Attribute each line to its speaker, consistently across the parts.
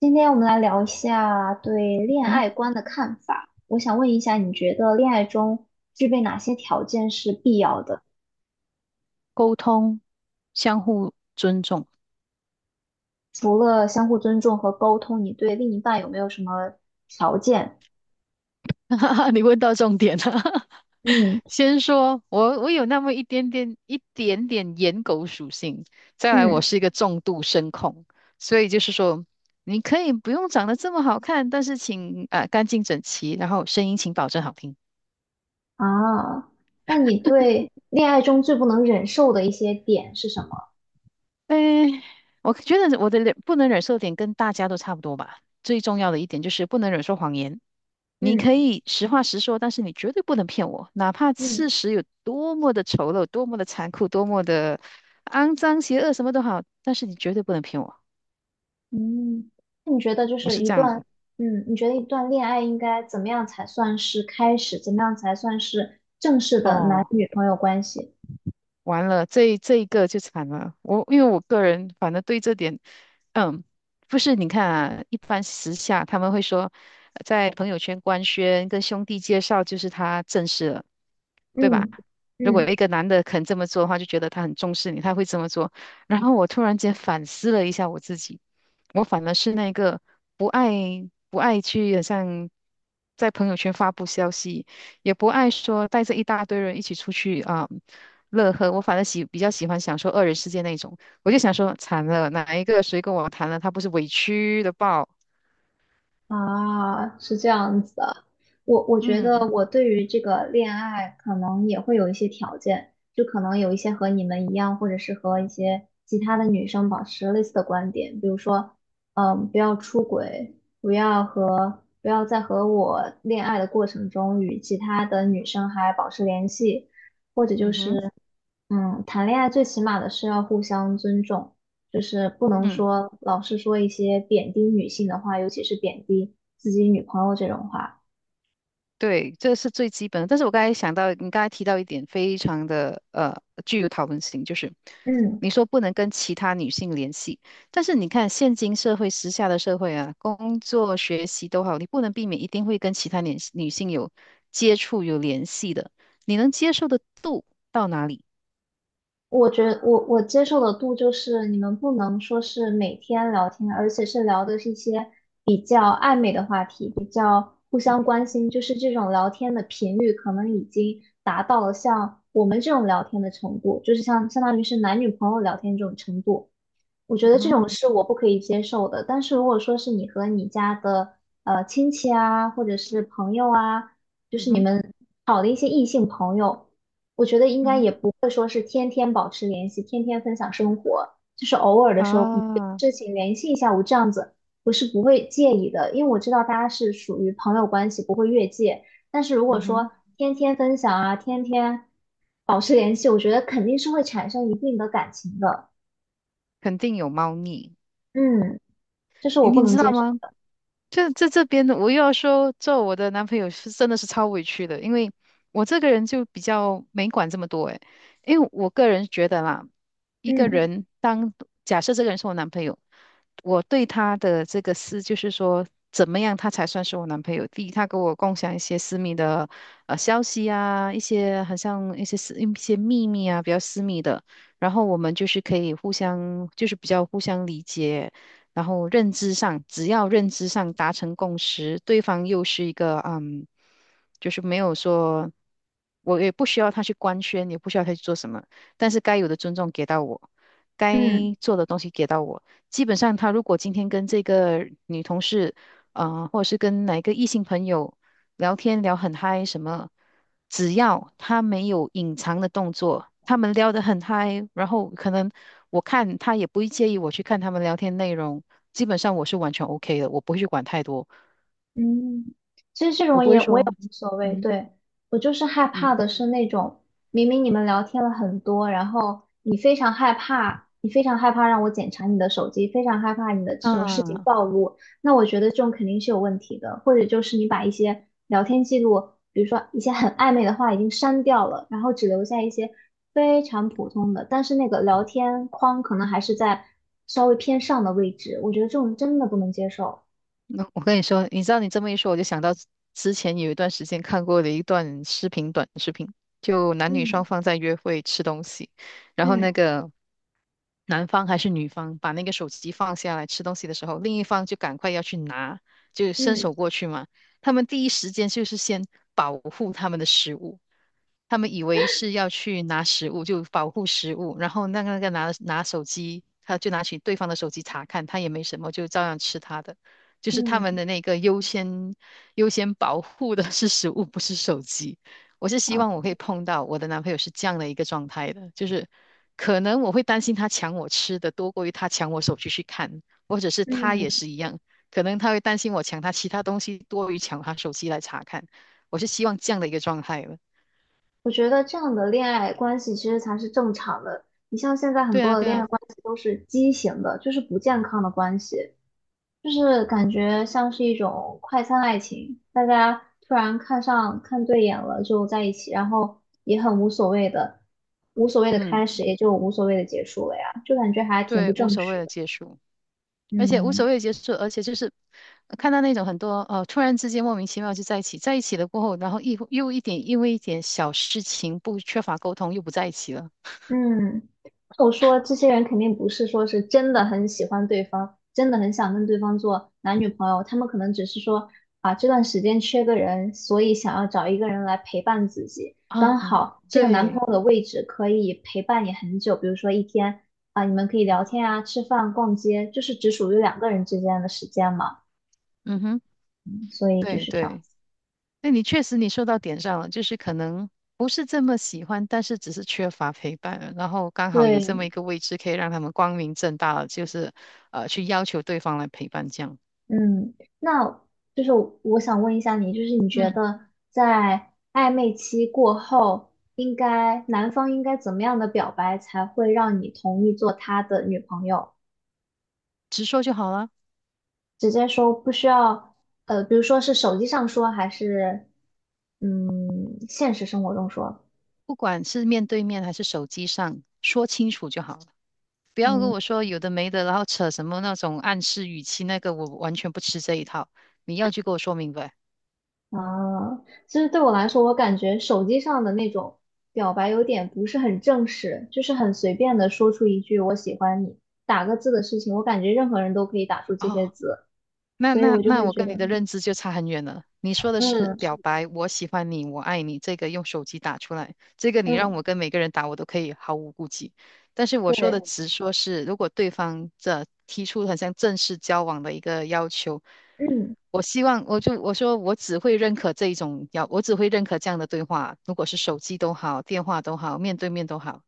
Speaker 1: 今天我们来聊一下对恋
Speaker 2: 嗯，
Speaker 1: 爱观的看法。我想问一下，你觉得恋爱中具备哪些条件是必要的？
Speaker 2: 沟通，相互尊重。
Speaker 1: 除了相互尊重和沟通，你对另一半有没有什么条件？
Speaker 2: 你问到重点了。
Speaker 1: 嗯
Speaker 2: 先说，我有那么一点点颜狗属性，再来
Speaker 1: 嗯，
Speaker 2: 我是一个重度声控，所以就是说，你可以不用长得这么好看，但是请啊干净整齐，然后声音请保证好听。
Speaker 1: 啊，那你对恋爱中最不能忍受的一些点是什么？
Speaker 2: 诶，我觉得我的不能忍受的点跟大家都差不多吧。最重要的一点就是不能忍受谎言。你可
Speaker 1: 嗯
Speaker 2: 以实话实说，但是你绝对不能骗我，哪怕
Speaker 1: 嗯
Speaker 2: 事实有多么的丑陋、多么的残酷、多么的肮脏、邪恶，什么都好，但是你绝对不能骗我。
Speaker 1: 嗯，那
Speaker 2: 我是这样。
Speaker 1: 你觉得一段恋爱应该怎么样才算是开始？怎么样才算是正式的男
Speaker 2: 哦，
Speaker 1: 女朋友关系？
Speaker 2: 完了，这一个就惨了。因为我个人反正对这点，嗯，不是你看啊，一般时下他们会说，在朋友圈官宣跟兄弟介绍，就是他正式了，对吧？
Speaker 1: 嗯
Speaker 2: 如果有
Speaker 1: 嗯，
Speaker 2: 一个男的肯这么做的话，就觉得他很重视你，他会这么做。然后我突然间反思了一下我自己，我反而是那个不爱不爱去，好像在朋友圈发布消息。也不爱说带着一大堆人一起出去啊、乐呵。我反正比较喜欢享受二人世界那种。我就想说，惨了，哪一个谁跟我谈了，他不是委屈的爆？
Speaker 1: 啊，是这样子的。我觉
Speaker 2: 嗯。
Speaker 1: 得我对于这个恋爱可能也会有一些条件，就可能有一些和你们一样，或者是和一些其他的女生保持类似的观点，比如说，嗯，不要出轨，不要在和我恋爱的过程中与其他的女生还保持联系，
Speaker 2: 嗯哼。
Speaker 1: 嗯，谈恋爱最起码的是要互相尊重，就是不能
Speaker 2: 嗯。
Speaker 1: 说老是说一些贬低女性的话，尤其是贬低自己女朋友这种话。
Speaker 2: 对，这是最基本的。但是我刚才想到，你刚才提到一点，非常的具有讨论性，就是
Speaker 1: 嗯，
Speaker 2: 你说不能跟其他女性联系，但是你看现今社会、时下的社会啊，工作、学习都好，你不能避免一定会跟其他女性有接触、有联系的。你能接受的度到哪里？
Speaker 1: 我觉得我我接受的度就是你们不能说是每天聊天，而且是聊的是一些比较暧昧的话题，互相关心，就是这种聊天的频率可能已经达到了像我们这种聊天的程度，就是像相当于是男女朋友聊天这种程度。我觉
Speaker 2: 嗯
Speaker 1: 得这
Speaker 2: 哼。
Speaker 1: 种是我不可以接受的。但是如果说是你和你家的亲戚啊，或者是朋友啊，就
Speaker 2: 嗯
Speaker 1: 是你
Speaker 2: 哼。
Speaker 1: 们好的一些异性朋友，我觉得应
Speaker 2: 嗯
Speaker 1: 该也
Speaker 2: 哼。
Speaker 1: 不会说是天天保持联系，天天分享生活，就是偶尔的时候可能有
Speaker 2: 啊。
Speaker 1: 事情联系一下，我这样子我是不会介意的，因为我知道大家是属于朋友关系，不会越界。但是如果
Speaker 2: 嗯
Speaker 1: 说
Speaker 2: 哼。
Speaker 1: 天天分享啊，天天保持联系，我觉得肯定是会产生一定的感情的。
Speaker 2: 肯定有猫腻，
Speaker 1: 嗯。这是我不
Speaker 2: 你
Speaker 1: 能
Speaker 2: 知道
Speaker 1: 接受
Speaker 2: 吗？
Speaker 1: 的。
Speaker 2: 这边的，我又要说，做我的男朋友是真的是超委屈的，因为我这个人就比较没管这么多诶，因为我个人觉得啦，一个
Speaker 1: 嗯
Speaker 2: 人当假设这个人是我男朋友，我对他的这个就是说，怎么样他才算是我男朋友？第一，他跟我共享一些私密的消息啊，一些很像一些秘密啊，比较私密的，然后我们就是可以互相就是比较互相理解，然后认知上，只要认知上达成共识，对方又是一个就是没有说，我也不需要他去官宣，也不需要他去做什么，但是该有的尊重给到我，该
Speaker 1: 嗯。
Speaker 2: 做的东西给到我。基本上，他如果今天跟这个女同事，或者是跟哪一个异性朋友聊天聊很嗨，什么，只要他没有隐藏的动作，他们聊得很嗨，然后可能我看他也不会介意我去看他们聊天内容，基本上我是完全 OK 的，我不会去管太多，
Speaker 1: 嗯，其实这
Speaker 2: 我
Speaker 1: 种
Speaker 2: 不
Speaker 1: 也
Speaker 2: 会
Speaker 1: 我也
Speaker 2: 说，
Speaker 1: 无所谓，
Speaker 2: 嗯。
Speaker 1: 对，我就是害
Speaker 2: 嗯。
Speaker 1: 怕的是那种明明你们聊天了很多，然后你非常害怕，你非常害怕让我检查你的手机，非常害怕你的这种事情
Speaker 2: 啊。
Speaker 1: 暴露，那我觉得这种肯定是有问题的，或者就是你把一些聊天记录，比如说一些很暧昧的话已经删掉了，然后只留下一些非常普通的，但是那个聊天框可能还是在稍微偏上的位置，我觉得这种真的不能接受。
Speaker 2: 那我跟你说，你知道你这么一说，我就想到之前有一段时间看过的一段视频，短视频，就男女双
Speaker 1: 嗯
Speaker 2: 方在约会吃东西，然后那
Speaker 1: 嗯。
Speaker 2: 个。男方还是女方把那个手机放下来吃东西的时候，另一方就赶快要去拿，就伸手过
Speaker 1: 嗯
Speaker 2: 去嘛。他们第一时间就是先保护他们的食物，他们以为是要去拿食物，就保护食物，然后那个拿手机，他就拿起对方的手机查看，他也没什么，就照样吃他的。就是他们
Speaker 1: 嗯，
Speaker 2: 的那个优先保护的是食物，不是手机。我是希
Speaker 1: 啊，
Speaker 2: 望我可以碰到我的男朋友是这样的一个状态的，就是可能我会担心他抢我吃的多过于他抢我手机去看，或者是他也
Speaker 1: 嗯，
Speaker 2: 是一样，可能他会担心我抢他其他东西多于抢他手机来查看。我是希望这样的一个状态了。
Speaker 1: 我觉得这样的恋爱关系其实才是正常的。你像现在很
Speaker 2: 对啊，
Speaker 1: 多的
Speaker 2: 对
Speaker 1: 恋
Speaker 2: 啊。
Speaker 1: 爱关系都是畸形的，就是不健康的关系，就是感觉像是一种快餐爱情，大家突然看上看对眼了就在一起，然后也很无所谓的，无所谓的
Speaker 2: 嗯，
Speaker 1: 开始也就无所谓的结束了呀，就感觉还挺不
Speaker 2: 对，无
Speaker 1: 正
Speaker 2: 所谓
Speaker 1: 式
Speaker 2: 的
Speaker 1: 的。
Speaker 2: 结束，而且无
Speaker 1: 嗯。
Speaker 2: 所谓的结束，而且就是看到那种很多突然之间莫名其妙就在一起，在一起了过后，然后又一点因为一点小事情不缺乏沟通又不在一起了。
Speaker 1: 嗯，我说这些人肯定不是说是真的很喜欢对方，真的很想跟对方做男女朋友，他们可能只是说啊这段时间缺个人，所以想要找一个人来陪伴自己，刚
Speaker 2: 啊。
Speaker 1: 好这个男朋
Speaker 2: 对。
Speaker 1: 友的位置可以陪伴你很久，比如说一天啊，你们可以聊天啊、吃饭、逛街，就是只属于两个人之间的时间嘛，
Speaker 2: 嗯哼。
Speaker 1: 所以就
Speaker 2: 对，
Speaker 1: 是这样。
Speaker 2: 对。那你确实你说到点上了，就是可能不是这么喜欢，但是只是缺乏陪伴，然后刚好有这
Speaker 1: 对，
Speaker 2: 么一个位置可以让他们光明正大的就是去要求对方来陪伴这样，
Speaker 1: 嗯，那就是我想问一下你，就是你觉
Speaker 2: 嗯，
Speaker 1: 得在暧昧期过后，应该男方应该怎么样的表白才会让你同意做他的女朋友？
Speaker 2: 直说就好了。
Speaker 1: 直接说不需要，比如说是手机上说，还是嗯现实生活中说？
Speaker 2: 不管是面对面还是手机上，说清楚就好了。不要跟
Speaker 1: 嗯。
Speaker 2: 我说有的没的，然后扯什么那种暗示语气，那个我完全不吃这一套。你要就给我说明白。
Speaker 1: 啊，其实对我来说，我感觉手机上的那种表白有点不是很正式，就是很随便的说出一句“我喜欢你”，打个字的事情，我感觉任何人都可以打出这些
Speaker 2: 哦，
Speaker 1: 字，所以我就
Speaker 2: 那
Speaker 1: 会
Speaker 2: 我
Speaker 1: 觉
Speaker 2: 跟
Speaker 1: 得，
Speaker 2: 你的
Speaker 1: 嗯
Speaker 2: 认知就差很远了。你说的是表
Speaker 1: 嗯，
Speaker 2: 白，我喜欢你，我爱你，这个用手机打出来，这个你让
Speaker 1: 嗯
Speaker 2: 我跟每个人打，我都可以毫无顾忌。但是我说的
Speaker 1: 对，
Speaker 2: 直说是，如果对方提出很像正式交往的一个要求，
Speaker 1: 嗯，
Speaker 2: 我希望我就我说我只会认可这一种要，我只会认可这样的对话，如果是手机都好，电话都好，面对面都好，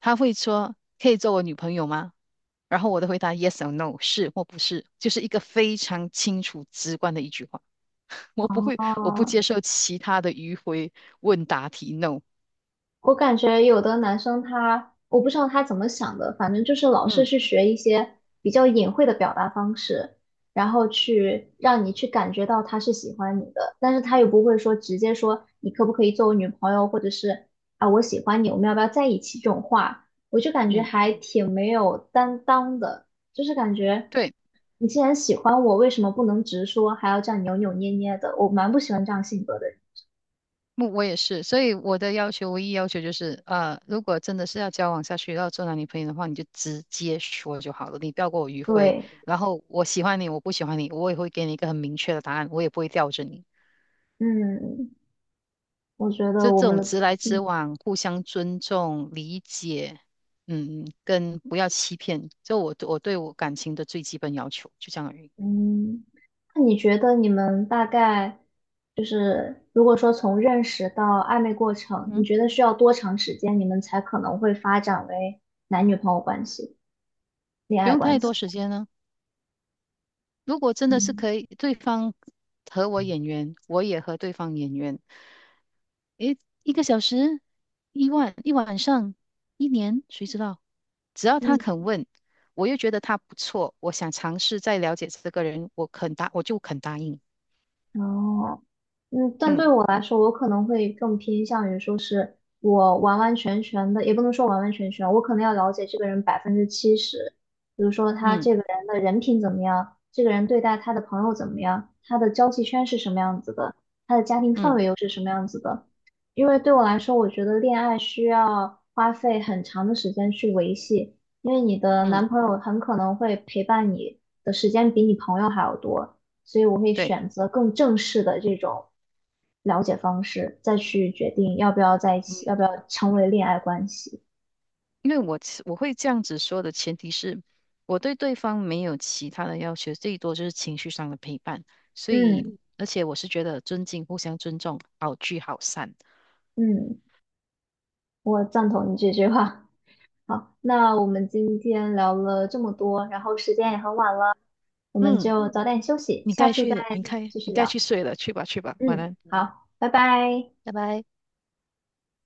Speaker 2: 他会说可以做我女朋友吗？然后我的回答 yes or no 是或不是，就是一个非常清楚直观的一句话。我不会，我不接
Speaker 1: 哦。
Speaker 2: 受其他的迂回问答题 no。
Speaker 1: 我感觉有的男生他，我不知道他怎么想的，反正就是老是
Speaker 2: 嗯。
Speaker 1: 去学一些比较隐晦的表达方式，然后去让你去感觉到他是喜欢你的，但是他又不会说直接说你可不可以做我女朋友，或者是啊我喜欢你，我们要不要在一起这种话，我就感觉
Speaker 2: 嗯。
Speaker 1: 还挺没有担当的，就是感觉
Speaker 2: 对，
Speaker 1: 你既然喜欢我，为什么不能直说，还要这样扭扭捏捏的？我蛮不喜欢这样性格的人。
Speaker 2: 我也是，所以我的唯一要求就是，如果真的是要交往下去，要做男女朋友的话，你就直接说就好了，你不要给我迂回。
Speaker 1: 对，
Speaker 2: 然后我喜欢你，我不喜欢你，我也会给你一个很明确的答案，我也不会吊着你。
Speaker 1: 嗯。我觉得
Speaker 2: 就
Speaker 1: 我
Speaker 2: 这
Speaker 1: 们
Speaker 2: 种
Speaker 1: 的，
Speaker 2: 直来直
Speaker 1: 嗯
Speaker 2: 往、互相尊重、理解，跟不要欺骗，就我对我感情的最基本要求，就这样而已。
Speaker 1: 嗯，那你觉得你们大概如果说从认识到暧昧过程，你
Speaker 2: 嗯，
Speaker 1: 觉得需要多长时间，你们才可能会发展为男女朋友关系、恋
Speaker 2: 不
Speaker 1: 爱
Speaker 2: 用
Speaker 1: 关
Speaker 2: 太
Speaker 1: 系？
Speaker 2: 多时间呢。如果真的是
Speaker 1: 嗯
Speaker 2: 可以，对方和我眼缘，我也和对方眼缘，诶，一个小时、一万、一晚上、一年，谁知道？只要他肯问，我又觉得他不错，我想尝试再了解这个人，我就肯答应。
Speaker 1: 哦，嗯，但对
Speaker 2: 嗯。
Speaker 1: 我来说，我可能会更偏向于说是我完完全全的，也不能说完完全全，我可能要了解这个人70%，比如说他
Speaker 2: 嗯。
Speaker 1: 这个人的人品怎么样，这个人对待他的朋友怎么样，他的交际圈是什么样子的，他的家庭氛
Speaker 2: 嗯。
Speaker 1: 围又是什么样子的。因为对我来说，我觉得恋爱需要花费很长的时间去维系，因为你的
Speaker 2: 嗯。
Speaker 1: 男朋友很可能会陪伴你的时间比你朋友还要多。所以我会
Speaker 2: 对，
Speaker 1: 选择更正式的这种了解方式，再去决定要不要在一
Speaker 2: 嗯，
Speaker 1: 起，要不要成为恋爱关系。
Speaker 2: 因为我会这样子说的前提是，我对对方没有其他的要求，最多就是情绪上的陪伴。所以，
Speaker 1: 嗯
Speaker 2: 而且我是觉得尊敬、互相尊重，好聚好散。
Speaker 1: 嗯，我赞同你这句话。好，那我们今天聊了这么多，然后时间也很晚了，我们
Speaker 2: 嗯，
Speaker 1: 就早点休息，
Speaker 2: 你
Speaker 1: 下
Speaker 2: 该
Speaker 1: 次
Speaker 2: 去
Speaker 1: 再
Speaker 2: 的，你看
Speaker 1: 继续
Speaker 2: 你该
Speaker 1: 聊。
Speaker 2: 去睡了，去吧去吧，晚
Speaker 1: 嗯，
Speaker 2: 安。
Speaker 1: 好，拜拜。
Speaker 2: 拜拜。